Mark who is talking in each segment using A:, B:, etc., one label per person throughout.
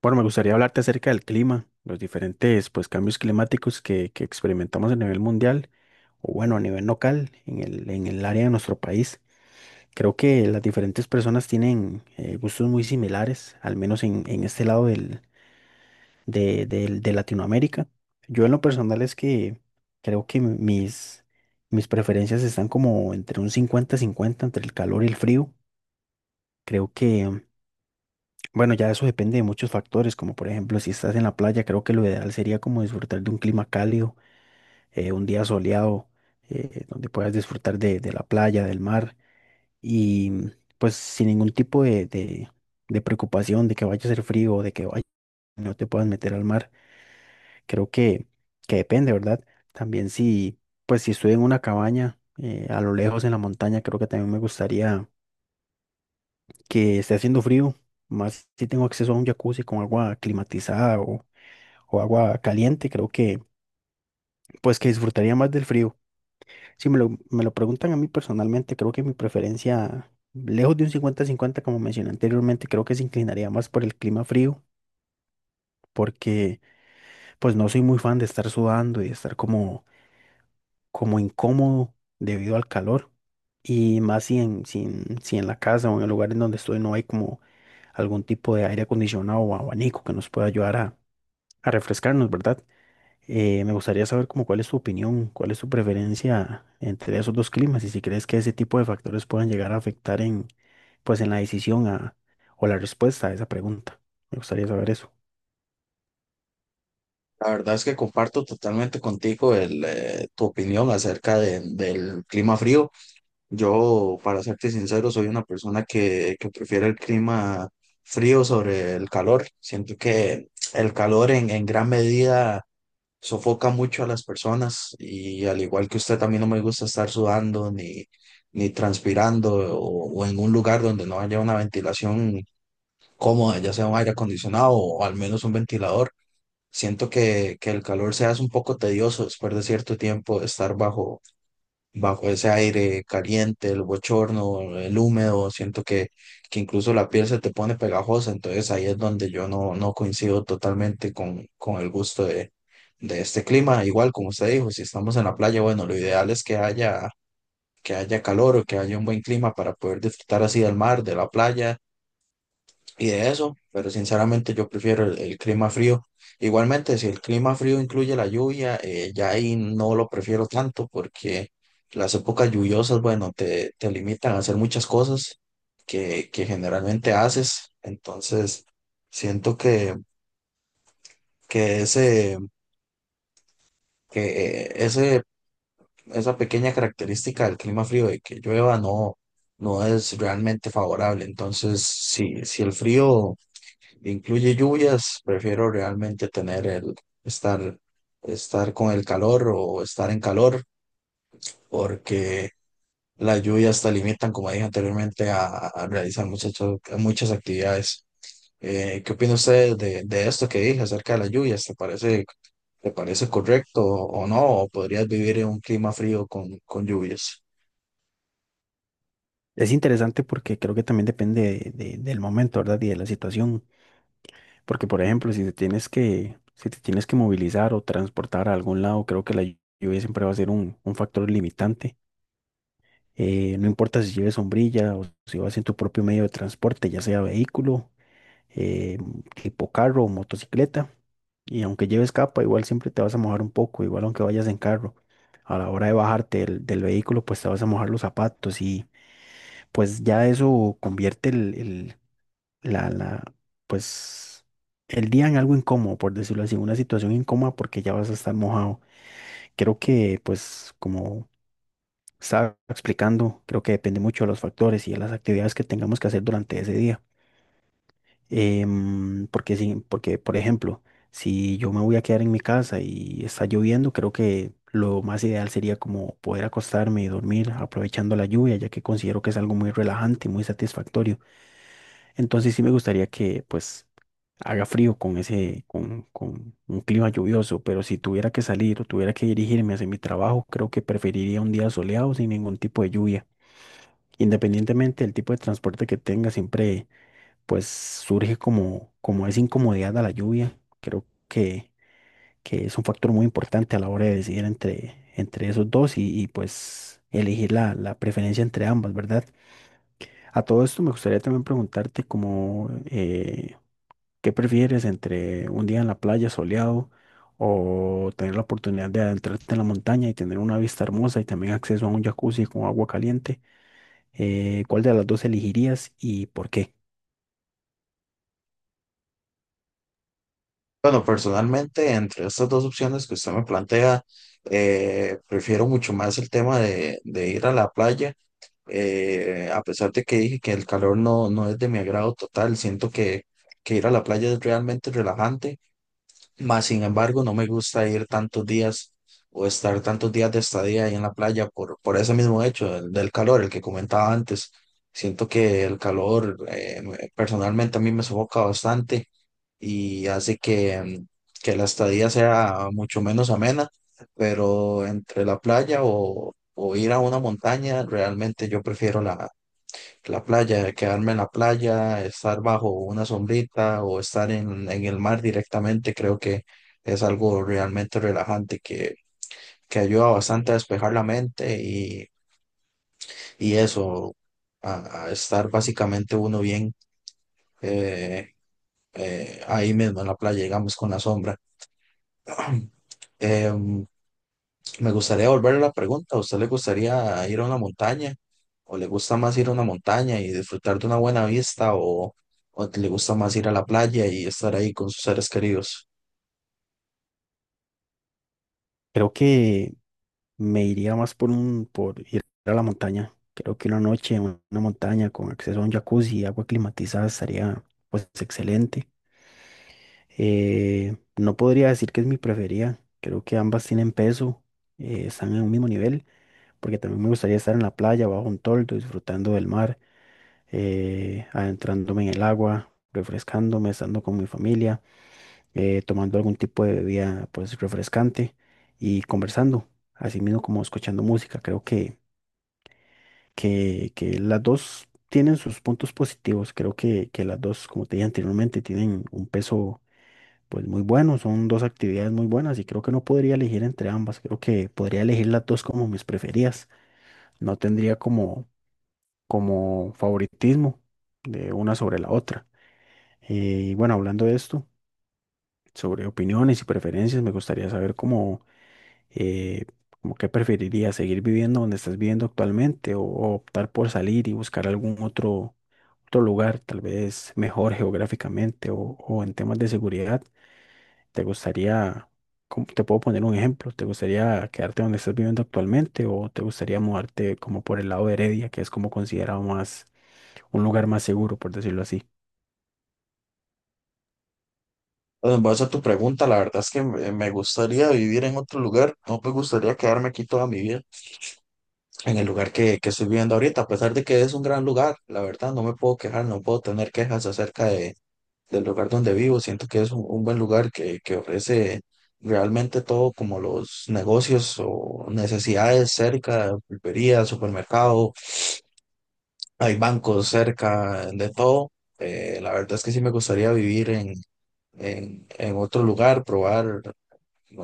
A: Bueno, me gustaría hablarte acerca del clima, los diferentes pues, cambios climáticos que experimentamos a nivel mundial o bueno, a nivel local en el área de nuestro país. Creo que las diferentes personas tienen gustos muy similares, al menos en este lado de Latinoamérica. Yo en lo personal es que creo que mis preferencias están como entre un 50-50 entre el calor y el frío. Creo que Bueno, ya eso depende de muchos factores, como por ejemplo, si estás en la playa, creo que lo ideal sería como disfrutar de un clima cálido, un día soleado, donde puedas disfrutar de la playa, del mar, y pues sin ningún tipo de preocupación de que vaya a ser frío o de que vaya, no te puedas meter al mar. Creo que, que depende, ¿verdad? También si, pues si estoy en una cabaña, a lo lejos en la montaña, creo que también me gustaría que esté haciendo frío, más si tengo acceso a un jacuzzi con agua climatizada o agua caliente, creo que pues que disfrutaría más del frío. Si me lo preguntan a mí personalmente, creo que mi preferencia, lejos de un 50-50 como mencioné anteriormente, creo que se inclinaría más por el clima frío, porque pues no soy muy fan de estar sudando y de estar como incómodo debido al calor. Y más si en la casa o en el lugar en donde estoy no hay como algún tipo de aire acondicionado o abanico que nos pueda ayudar a refrescarnos, ¿verdad? Me gustaría saber como cuál es tu opinión, cuál es tu preferencia entre esos dos climas y si crees que ese tipo de factores puedan llegar a afectar en, pues, en la decisión o la respuesta a esa pregunta. Me gustaría saber eso.
B: La verdad es que comparto totalmente contigo tu opinión acerca del clima frío. Yo, para serte sincero, soy una persona que prefiere el clima frío sobre el calor. Siento que el calor en gran medida sofoca mucho a las personas y, al igual que usted, a mí no me gusta estar sudando ni transpirando o en un lugar donde no haya una ventilación cómoda, ya sea un aire acondicionado o al menos un ventilador. Siento que el calor se hace un poco tedioso después de cierto tiempo de estar bajo ese aire caliente, el bochorno, el húmedo. Siento que incluso la piel se te pone pegajosa. Entonces, ahí es donde yo no coincido totalmente con el gusto de este clima. Igual, como usted dijo, si estamos en la playa, bueno, lo ideal es que que haya calor o que haya un buen clima para poder disfrutar así del mar, de la playa y de eso, pero sinceramente yo prefiero el clima frío. Igualmente, si el clima frío incluye la lluvia, ya ahí no lo prefiero tanto porque las épocas lluviosas, bueno, te limitan a hacer muchas cosas que generalmente haces. Entonces, siento que ese, que eh, ese, esa pequeña característica del clima frío de que llueva no es realmente favorable. Entonces, si el frío incluye lluvias, prefiero realmente estar, estar con el calor o estar en calor, porque las lluvias te limitan, como dije anteriormente, a realizar muchas actividades. ¿Qué opina usted de esto que dije acerca de las lluvias? Te parece correcto o no? ¿O podrías vivir en un clima frío con lluvias?
A: Es interesante porque creo que también depende del momento, ¿verdad? Y de la situación. Porque, por ejemplo, si te tienes que movilizar o transportar a algún lado, creo que la lluvia siempre va a ser un factor limitante. No importa si lleves sombrilla o si vas en tu propio medio de transporte, ya sea vehículo eh, tipo carro o motocicleta. Y aunque lleves capa, igual siempre te vas a mojar un poco, igual aunque vayas en carro. A la hora de bajarte del vehículo, pues te vas a mojar los zapatos y pues ya eso convierte el- la, pues el día en algo incómodo, por decirlo así, una situación incómoda porque ya vas a estar mojado. Creo que pues como estaba explicando, creo que depende mucho de los factores y de las actividades que tengamos que hacer durante ese día. Porque sí, porque por ejemplo, si yo me voy a quedar en mi casa y está lloviendo, creo que lo más ideal sería como poder acostarme y dormir aprovechando la lluvia, ya que considero que es algo muy relajante y muy satisfactorio. Entonces sí me gustaría que pues haga frío con con un clima lluvioso, pero si tuviera que salir o tuviera que dirigirme hacia mi trabajo, creo que preferiría un día soleado sin ningún tipo de lluvia. Independientemente del tipo de transporte que tenga, siempre pues surge como esa incomodidad a la lluvia. Que es un factor muy importante a la hora de decidir entre esos dos pues elegir la preferencia entre ambas, ¿verdad? A todo esto me gustaría también preguntarte como, ¿qué prefieres entre un día en la playa soleado o tener la oportunidad de adentrarte en la montaña y tener una vista hermosa y también acceso a un jacuzzi con agua caliente? ¿Cuál de las dos elegirías y por qué?
B: Bueno, personalmente, entre estas dos opciones que usted me plantea, prefiero mucho más el tema de ir a la playa. A pesar de que dije que el calor no es de mi agrado total, siento que ir a la playa es realmente relajante. Más sin embargo, no me gusta ir tantos días o estar tantos días de estadía ahí en la playa por ese mismo hecho, el del calor, el que comentaba antes. Siento que el calor, personalmente, a mí me sofoca bastante y hace que la estadía sea mucho menos amena, pero entre la playa o ir a una montaña, realmente yo prefiero la playa, quedarme en la playa, estar bajo una sombrita o estar en el mar directamente. Creo que es algo realmente relajante que ayuda bastante a despejar la mente y eso, a estar básicamente uno bien eh, ahí mismo en la playa, digamos, con la sombra. Em, Me gustaría volver a la pregunta. ¿A usted le gustaría ir a una montaña? ¿O le gusta más ir a una montaña y disfrutar de una buena vista? ¿O o le gusta más ir a la playa y estar ahí con sus seres queridos?
A: Creo que Me iría más por por ir a la montaña. Creo que una noche en una montaña con acceso a un jacuzzi y agua climatizada estaría pues excelente. No podría decir que es mi preferida. Creo que ambas tienen peso, están en un mismo nivel, porque también me gustaría estar en la playa, bajo un toldo, disfrutando del mar, adentrándome en el agua, refrescándome, estando con mi familia, tomando algún tipo de bebida pues refrescante y conversando, así mismo como escuchando música. Que las dos tienen sus puntos positivos. Que las dos, como te dije anteriormente, tienen un peso pues muy bueno, son dos actividades muy buenas y creo que no podría elegir entre ambas. Creo que podría elegir las dos como mis preferidas. No tendría como favoritismo de una sobre la otra. Eh, y bueno, hablando de esto, sobre opiniones y preferencias, me gustaría saber cómo... eh, ¿cómo qué preferirías, seguir viviendo donde estás viviendo actualmente o optar por salir y buscar algún otro lugar, tal vez mejor geográficamente o en temas de seguridad, ¿te gustaría, te puedo poner un ejemplo, ¿te gustaría quedarte donde estás viviendo actualmente o te gustaría mudarte como por el lado de Heredia, que es como considerado más, un lugar más seguro, por decirlo así?
B: Bueno, en base a tu pregunta, la verdad es que me gustaría vivir en otro lugar. No me gustaría quedarme aquí toda mi vida, en el lugar que estoy viviendo ahorita. A pesar de que es un gran lugar, la verdad, no me puedo quejar, no puedo tener quejas acerca de del lugar donde vivo. Siento que es un buen lugar que ofrece realmente todo, como los negocios o necesidades cerca, pulpería, supermercado, hay bancos cerca, de todo. La verdad es que sí me gustaría vivir en otro lugar, probar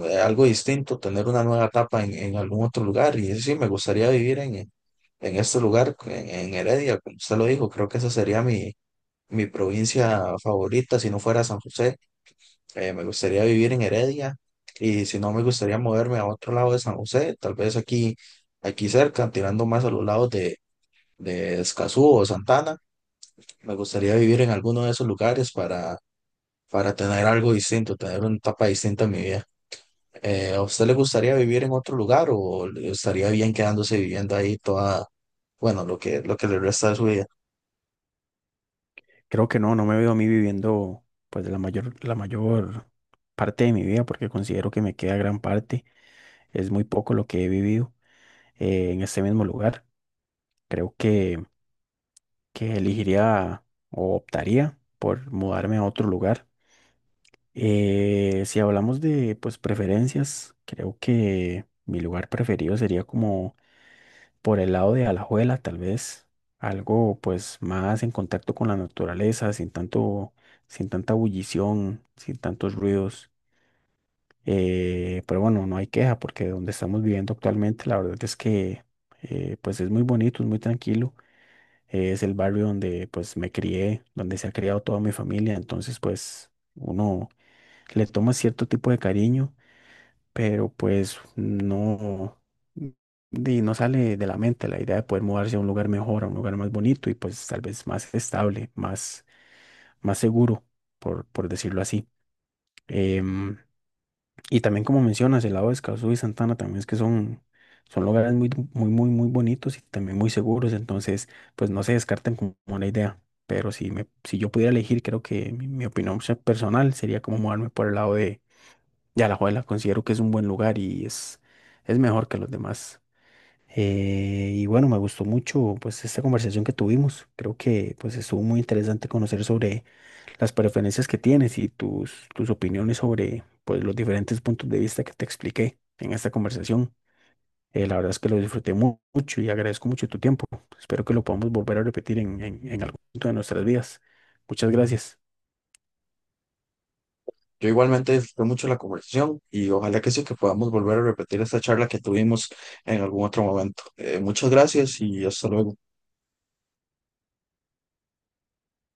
B: algo distinto, tener una nueva etapa en algún otro lugar. Y sí, me gustaría vivir en este lugar, en Heredia, como usted lo dijo. Creo que esa sería mi provincia favorita si no fuera San José. Me gustaría vivir en Heredia y, si no, me gustaría moverme a otro lado de San José, tal vez aquí, aquí cerca, tirando más a los lados de Escazú o Santana. Me gustaría vivir en alguno de esos lugares para tener algo distinto, tener una etapa distinta en mi vida. ¿A usted le gustaría vivir en otro lugar o le estaría bien quedándose viviendo ahí toda, bueno, lo lo que le resta de su vida?
A: Creo que no me veo a mí viviendo pues la mayor parte de mi vida porque considero que me queda gran parte, es muy poco lo que he vivido en este mismo lugar. Creo que elegiría o optaría por mudarme a otro lugar. Si hablamos de pues preferencias, creo que mi lugar preferido sería como por el lado de Alajuela, tal vez algo pues más en contacto con la naturaleza, sin tanta bullición, sin tantos ruidos. Pero bueno, no hay queja porque donde estamos viviendo actualmente, la verdad es que pues es muy bonito, es muy tranquilo es el barrio donde pues me crié, donde se ha criado toda mi familia, entonces pues uno le toma cierto tipo de cariño, pero pues no, no sale de la mente la idea de poder mudarse a un lugar mejor, a un lugar más bonito y pues tal vez más estable, más seguro, por decirlo así. Em, y también como mencionas, el lado de Escazú y Santana también es que son, son lugares muy, muy bonitos y también muy seguros, entonces pues no se descartan como la idea, pero si, si yo pudiera elegir, creo que mi opinión personal sería como moverme por el lado de Alajuela, considero que es un buen lugar y es mejor que los demás. Y bueno, me gustó mucho pues esta conversación que tuvimos, creo que pues estuvo muy interesante conocer sobre las preferencias que tienes y tus opiniones sobre pues, los diferentes puntos de vista que te expliqué en esta conversación. La verdad es que lo disfruté mucho y agradezco mucho tu tiempo. Espero que lo podamos volver a repetir en algún punto de nuestras vidas. Muchas gracias.
B: Yo igualmente disfruté mucho la conversación y ojalá que sí, que podamos volver a repetir esta charla que tuvimos en algún otro momento. Muchas gracias y hasta luego.